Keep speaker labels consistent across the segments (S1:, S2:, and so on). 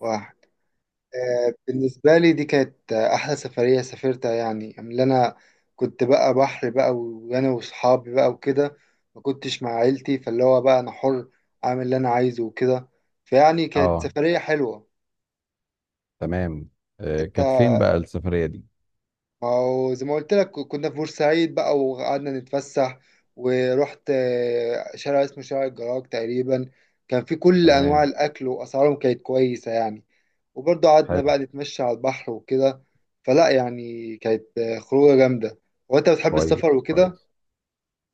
S1: واحد. بالنسبة لي دي كانت أحلى سفرية سافرتها يعني اللي أنا كنت بقى بحر بقى وأنا وصحابي بقى وكده. ما كنتش مع عيلتي، فاللي هو بقى أنا حر أعمل اللي أنا عايزه وكده، فيعني كانت
S2: اه.
S1: سفرية حلوة.
S2: تمام.
S1: أنت.
S2: كانت فين بقى السفرية دي؟
S1: ما هو زي ما قلت لك كنا في بورسعيد بقى وقعدنا نتفسح. ورحت شارع اسمه شارع الجراج تقريبا. كان في كل أنواع
S2: تمام.
S1: الأكل وأسعارهم كانت كويسة يعني. وبرضه قعدنا
S2: حلو.
S1: بقى نتمشى على البحر وكده. فلا يعني كانت خروجة جامدة. هو انت بتحب
S2: كويس
S1: السفر وكده؟
S2: كويس.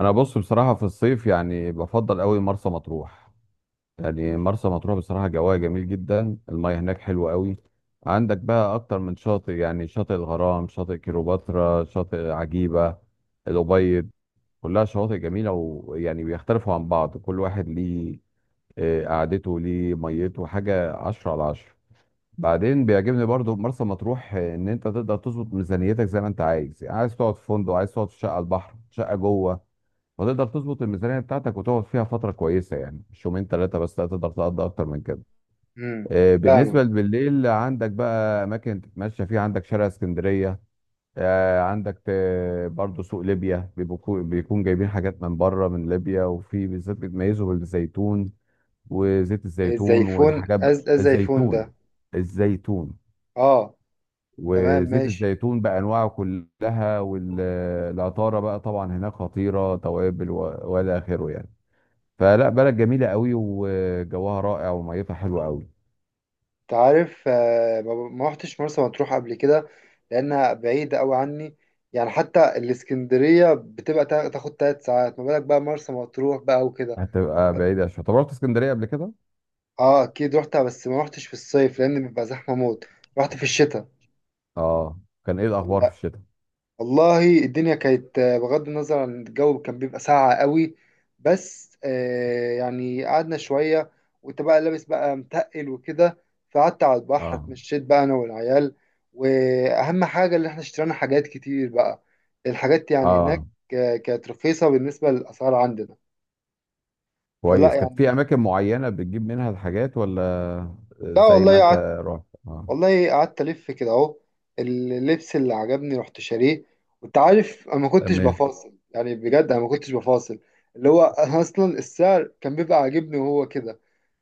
S2: انا بص بصراحة في الصيف يعني بفضل قوي مرسى مطروح. يعني مرسى مطروح بصراحة جواها جميل جدا، المياه هناك حلوة قوي. عندك بقى اكتر من شاطئ، يعني شاطئ الغرام، شاطئ كيلوباترا، شاطئ عجيبة، الأبيض. كلها شواطئ جميلة، ويعني بيختلفوا عن بعض، كل واحد ليه قعدته، ليه ميته حاجة، 10/10. بعدين بيعجبني برضو في مرسى مطروح ان انت تقدر تظبط ميزانيتك زي ما انت عايز، يعني عايز تقعد في فندق، عايز تقعد في شقه على البحر، شقه جوه. وتقدر تظبط الميزانيه بتاعتك وتقعد فيها فتره كويسه، يعني مش يومين 3 بس، لا تقدر تقضي اكتر من كده.
S1: امم.
S2: بالنسبه
S1: فاهم.
S2: بالليل عندك بقى اماكن تتمشى فيها، عندك شارع اسكندريه. عندك برضو سوق ليبيا، بيكون جايبين حاجات من بره من ليبيا، وفي بالذات بيتميزوا بالزيتون وزيت الزيتون
S1: الزيفون از الزيفون
S2: الزيتون.
S1: ده؟
S2: الزيتون
S1: اه. تمام
S2: وزيت
S1: ماشي.
S2: الزيتون بانواعه كلها، والعطاره بقى طبعا هناك خطيره، توابل والى اخره يعني. فلا، بلد جميله قوي وجوها رائع وميتها حلوه قوي.
S1: انت عارف، ما روحتش مرسى مطروح قبل كده. لانها بعيدة قوي عني. يعني حتى الاسكندرية بتبقى تاخد 3 ساعات، ما بالك بقى مرسى مطروح بقى وكده.
S2: هتبقى بعيده شويه. طب رحت اسكندريه قبل كده؟
S1: اه، اكيد روحتها، بس ما روحتش في الصيف لان بيبقى زحمة موت. رحت في الشتاء.
S2: اه. كان ايه الاخبار في الشتاء؟
S1: والله الدنيا كانت، بغض النظر عن الجو كان بيبقى ساقعة قوي. بس يعني قعدنا شوية. وانت بقى لابس بقى متقل وكده. فقعدت على البحر،
S2: اه.
S1: اتمشيت بقى انا والعيال. واهم حاجة اللي احنا اشترينا حاجات كتير بقى. الحاجات يعني هناك.
S2: اه.
S1: كانت رخيصة بالنسبة للأسعار عندنا. فلا
S2: كويس. كانت في
S1: يعني.
S2: اماكن معينه بتجيب منها الحاجات ولا؟
S1: لا
S2: زي ما
S1: والله
S2: انت
S1: قعدت.
S2: رحت. اه.
S1: والله قعدت ألف كده أهو. اللبس اللي عجبني رحت شاريه. وأنت عارف أنا ما كنتش
S2: تمام.
S1: بفاصل، يعني بجد أنا ما كنتش بفاصل. اللي هو أنا أصلا السعر كان بيبقى عاجبني وهو كده.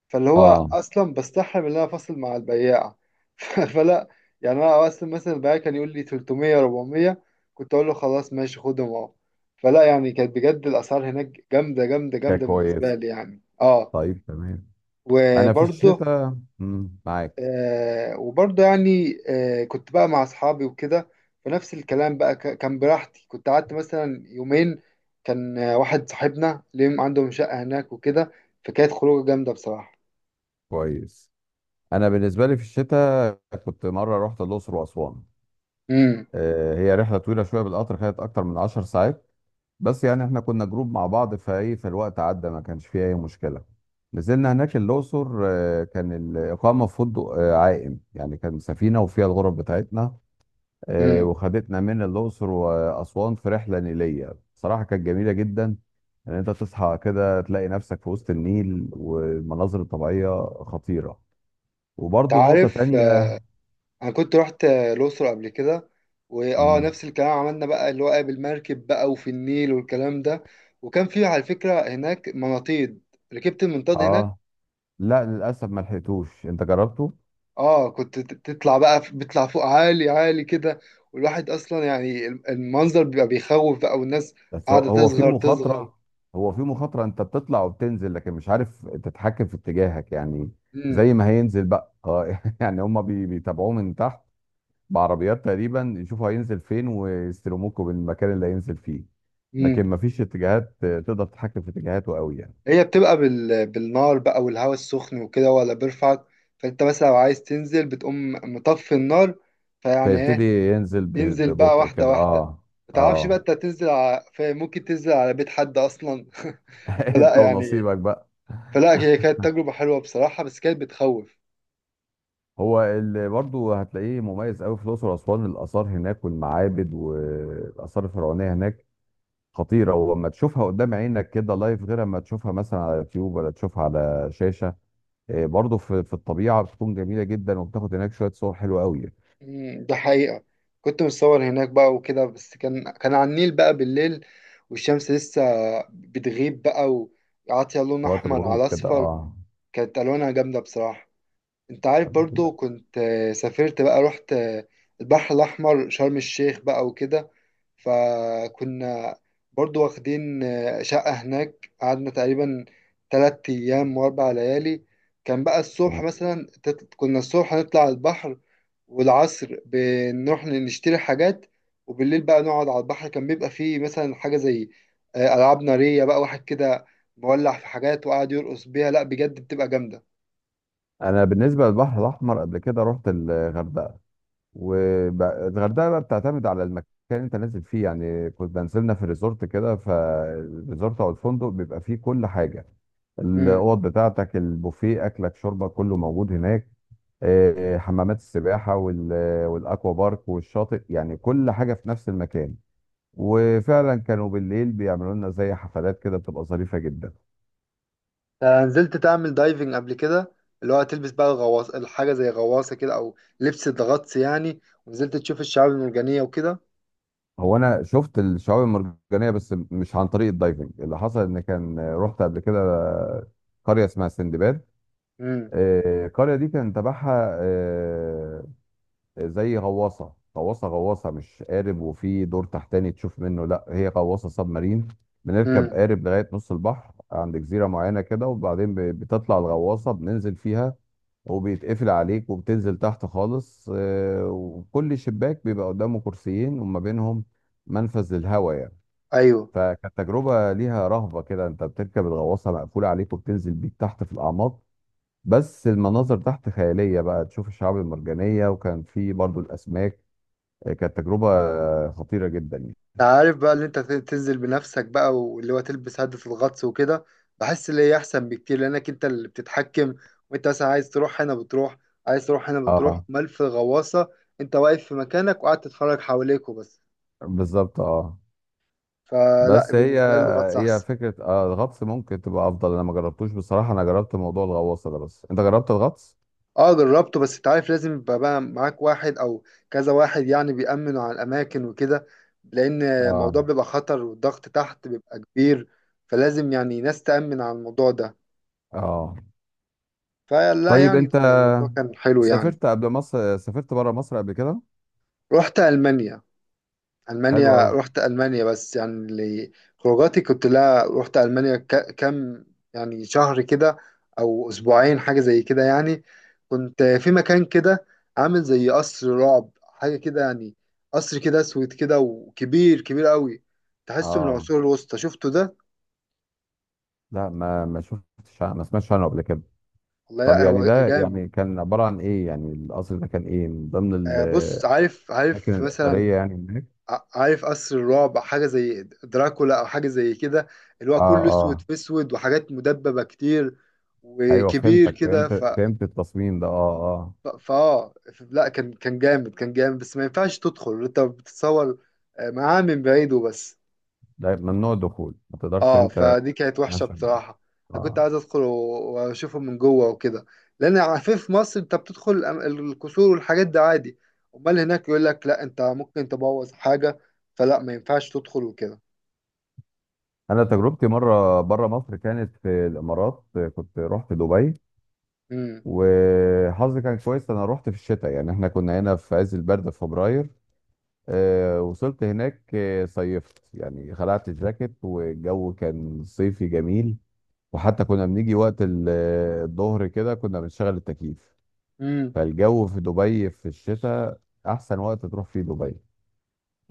S1: فاللي هو.
S2: اه.
S1: أصلا بستحرم إن أنا أفاصل مع البياع. فلا يعني. أنا أصلا مثلا البياع كان يقول لي 300 400. كنت أقول له، خلاص ماشي خدهم أهو. فلا يعني كانت بجد الأسعار هناك جامدة جامدة
S2: كانت
S1: جامدة بالنسبة
S2: كويس.
S1: لي يعني أه.
S2: طيب. تمام. انا في
S1: وبرضه.
S2: الشتاء معاك.
S1: وبرضه يعني كنت بقى مع أصحابي وكده. فنفس الكلام بقى كان براحتي، كنت قعدت مثلا يومين. كان واحد صاحبنا ليهم عندهم شقة هناك وكده. فكانت خروجة جامدة بصراحة.
S2: كويس. انا بالنسبه لي في الشتاء كنت مره رحت الاقصر واسوان.
S1: امم.
S2: هي رحله طويله شويه، بالقطر خدت اكتر من 10 ساعات، بس يعني احنا كنا جروب مع بعض فايه، فالوقت عدى ما كانش فيه اي مشكله. نزلنا هناك الاقصر، كان الاقامه في فندق عائم، يعني كان سفينه وفيها الغرف بتاعتنا.
S1: امم.
S2: وخدتنا من الاقصر واسوان في رحله نيليه بصراحه كانت جميله جدا. ان انت تصحى كده تلاقي نفسك في وسط النيل والمناظر الطبيعيه خطيره.
S1: انت
S2: وبرضه نقطه
S1: عارف،
S2: تانية.
S1: انا كنت رحت الأقصر قبل كده. واه
S2: مم.
S1: نفس الكلام عملنا بقى اللي هو بالمركب بقى وفي النيل والكلام ده. وكان في على فكرة هناك مناطيد. ركبت المنطاد هناك.
S2: اه، لا للاسف ما لحقتوش. انت جربته؟
S1: اه، كنت تطلع بقى بتطلع فوق عالي عالي كده. والواحد اصلا يعني المنظر بيبقى بيخوف بقى، والناس
S2: بس هو
S1: قاعده
S2: هو في
S1: تصغر تصغر.
S2: مخاطره. هو في مخاطره، انت بتطلع وبتنزل لكن مش عارف تتحكم في اتجاهك يعني.
S1: امم.
S2: زي ما هينزل بقى، اه. يعني هم بيتابعوه من تحت بعربيات تقريبا، يشوفوا هينزل فين ويستلموكوا بالمكان اللي هينزل فيه. لكن
S1: امم.
S2: ما فيش اتجاهات تقدر تتحكم في اتجاهاته قوي يعني.
S1: هي بتبقى بالنار بقى والهواء السخن وكده هو اللي بيرفعك. فانت مثلا لو عايز تنزل بتقوم مطفي النار. فيعني
S2: فيبتدي
S1: ايه.
S2: ينزل
S1: تنزل بقى
S2: ببطء
S1: واحده
S2: كده،
S1: واحده.
S2: اه.
S1: ما تعرفش بقى
S2: اه.
S1: انت ممكن تنزل على بيت حد اصلا.
S2: انت
S1: فلا يعني.
S2: ونصيبك بقى.
S1: فلا هي كانت تجربه حلوه بصراحه، بس كانت بتخوف.
S2: هو اللي برضه هتلاقيه مميز قوي في الاقصر واسوان، الاثار هناك والمعابد والاثار الفرعونيه هناك خطيره، ولما تشوفها قدام عينك كده لايف غير اما تشوفها مثلا على يوتيوب ولا تشوفها على شاشه. إيه، برضه في الطبيعه بتكون جميله جدا، وبتاخد هناك شويه صور حلوه قوي.
S1: ده حقيقة. كنت متصور هناك بقى وكده، بس كان على النيل بقى بالليل، والشمس لسه بتغيب بقى، وعاطية لون
S2: في وقت
S1: أحمر
S2: الغروب
S1: على
S2: كده،
S1: أصفر.
S2: اه.
S1: كانت ألوانها جامدة بصراحة. أنت عارف، برضو
S2: بتبقى.
S1: كنت سافرت بقى رحت البحر الأحمر، شرم الشيخ بقى وكده. فكنا برضو واخدين شقة هناك، قعدنا تقريبا 3 أيام وأربع ليالي. كان بقى الصبح
S2: تمام.
S1: مثلا كنا الصبح هنطلع على البحر. والعصر بنروح نشتري حاجات. وبالليل بقى نقعد على البحر، كان بيبقى فيه مثلا حاجة زي ألعاب نارية، بقى واحد كده مولع في حاجات وقاعد يرقص بيها، لا بجد بتبقى جامدة.
S2: انا بالنسبه للبحر الاحمر قبل كده رحت الغردقه. والغردقه بقى بتعتمد على المكان اللي انت نازل فيه، يعني كنت بنزلنا في ريزورت كده، فالريزورت او الفندق بيبقى فيه كل حاجه، الاوض بتاعتك، البوفيه، اكلك، شربك، كله موجود هناك. حمامات السباحه والاكوا بارك والشاطئ، يعني كل حاجه في نفس المكان. وفعلا كانوا بالليل بيعملوا لنا زي حفلات كده بتبقى ظريفه جدا.
S1: أنا نزلت تعمل دايفنج قبل كده. اللي هو تلبس بقى الغواص، الحاجة زي غواصة كده، أو لبس الغطس يعني. ونزلت تشوف الشعاب المرجانية وكده.
S2: هو انا شفت الشعاب المرجانيه بس مش عن طريق الدايفنج، اللي حصل ان كان رحت قبل كده قريه اسمها سندباد.
S1: امم.
S2: القرية دي كان تبعها زي غواصة، مش قارب، وفي دور تحتاني تشوف منه، لا هي غواصة سب مارين. بنركب
S1: امم.
S2: قارب لغاية نص البحر عند جزيرة معينة كده، وبعدين بتطلع الغواصة بننزل فيها، وبيتقفل عليك وبتنزل تحت خالص. وكل شباك بيبقى قدامه كرسيين وما بينهم منفذ للهواء يعني.
S1: أيوه.
S2: فكانت تجربة ليها رهبة كده، انت بتركب الغواصة مقفولة عليك وبتنزل بيك تحت في الأعماق، بس المناظر تحت خيالية بقى، تشوف الشعاب المرجانية وكان في برضو الأسماك. كانت تجربة خطيرة جدا يعني.
S1: أنت عارف بقى، اللي أنت تنزل بنفسك بقى، واللي هو تلبس هدة الغطس وكده. بحس اللي هي أحسن بكتير لأنك أنت اللي بتتحكم. وأنت مثلا عايز تروح هنا بتروح، عايز تروح هنا بتروح.
S2: اه.
S1: أمال في الغواصة أنت واقف في مكانك وقاعد تتفرج حواليك وبس.
S2: بالظبط. اه.
S1: فلا
S2: بس هي
S1: بالنسبة لي الغطس
S2: هي
S1: أحسن.
S2: فكرة الغطس ممكن تبقى أفضل. أنا ما جربتوش بصراحة، أنا جربت موضوع الغواصة ده، بس أنت جربت الغطس؟
S1: اه جربته، بس انت عارف لازم يبقى بقى معاك واحد او كذا واحد، يعني بيأمنوا على الاماكن وكده. لان
S2: اه.
S1: الموضوع بيبقى خطر والضغط تحت بيبقى كبير. فلازم يعني ناس تأمن على الموضوع ده.
S2: اه.
S1: فلا
S2: طيب.
S1: يعني
S2: أنت
S1: الموضوع كان حلو يعني.
S2: سافرت قبل مصر، سافرت بره مصر قبل كده؟
S1: رحت ألمانيا.
S2: حلو
S1: ألمانيا
S2: أوي.
S1: رحت ألمانيا، بس يعني اللي خروجاتي كنت، لا رحت ألمانيا كام يعني شهر كده، أو أسبوعين، حاجة زي كده يعني. كنت في مكان كده، عامل زي قصر رعب، حاجة كده يعني. قصر كده أسود كده، وكبير كبير قوي. تحسه من
S2: اه،
S1: العصور الوسطى، شفته ده؟
S2: لا ما شفتش، ما سمعتش عنه قبل كده.
S1: والله
S2: طب
S1: لا،
S2: يعني
S1: هو
S2: ده،
S1: جامد.
S2: يعني كان عبارة عن إيه، يعني القصر ده كان إيه، من ضمن
S1: بص،
S2: الأماكن
S1: عارف عارف مثلا
S2: الأثرية يعني هناك؟
S1: عارف قصر الرعب حاجة زي دراكولا، أو حاجة زي كده. اللي هو
S2: اه.
S1: كله أسود
S2: اه.
S1: في أسود، وحاجات مدببة كتير،
S2: ايوه،
S1: وكبير
S2: فهمتك،
S1: كده.
S2: فهمت فهمت التصميم ده، اه. اه.
S1: لا كان جامد كان جامد، بس ما ينفعش تدخل، أنت بتتصور معاه من بعيد وبس.
S2: ده ممنوع الدخول، ما تقدرش
S1: اه،
S2: انت
S1: فدي كانت وحشة
S2: تتمشى.
S1: بصراحة. أنا كنت
S2: اه.
S1: عايز أدخل وأشوفه من جوه وكده. لأن عارفين في مصر أنت بتدخل القصور والحاجات دي عادي. أمال هناك يقول لك لا، أنت ممكن تبوظ حاجة. فلا ما ينفعش تدخل وكده.
S2: انا تجربتي مره بره مصر كانت في الامارات، كنت رحت دبي.
S1: مم.
S2: وحظي كان كويس، انا رحت في الشتاء، يعني احنا كنا هنا في عز البرد في فبراير. وصلت هناك صيفت يعني، خلعت الجاكيت، والجو كان صيفي جميل. وحتى كنا بنيجي وقت الظهر كده كنا بنشغل التكييف.
S1: امم.
S2: فالجو في دبي في الشتاء احسن وقت تروح فيه دبي.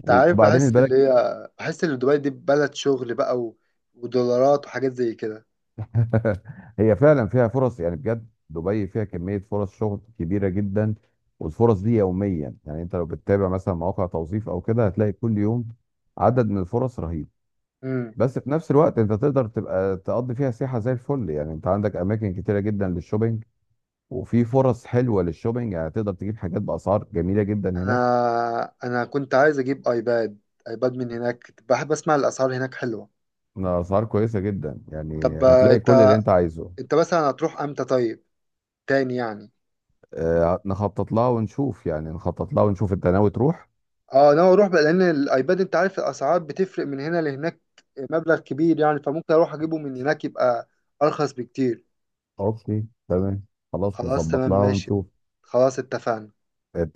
S1: انت عارف، بحس اللي
S2: البلد.
S1: هي بحس ان دبي دي بلد شغل بقى ودولارات وحاجات زي كده.
S2: هي فعلا فيها فرص، يعني بجد دبي فيها كمية فرص شغل كبيرة جدا. والفرص دي يوميا، يعني انت لو بتتابع مثلا مواقع توظيف او كده هتلاقي كل يوم عدد من الفرص رهيب.
S1: امم.
S2: بس في نفس الوقت انت تقدر تبقى تقضي فيها سياحة زي الفل، يعني انت عندك اماكن كتيرة جدا للشوبينج، وفي فرص حلوة للشوبينج، يعني تقدر تجيب حاجات بأسعار جميلة جدا هناك.
S1: انا كنت عايز اجيب ايباد، ايباد من هناك، كنت بحب اسمع الاسعار هناك حلوه.
S2: أسعار كويسة جدا يعني،
S1: طب،
S2: هتلاقي كل
S1: انت
S2: اللي أنت عايزه.
S1: انت مثلا هتروح امتى طيب؟ تاني يعني.
S2: نخطط لها ونشوف يعني، نخطط لها ونشوف. انت ناوي تروح؟
S1: اه انا اروح بقى، لان الايباد انت عارف الاسعار بتفرق من هنا لهناك، مبلغ كبير يعني، فممكن اروح اجيبه من هناك يبقى ارخص بكتير.
S2: اوكي. تمام. خلاص،
S1: خلاص
S2: نظبط
S1: تمام
S2: لها
S1: ماشي.
S2: ونشوف.
S1: خلاص اتفقنا.
S2: انت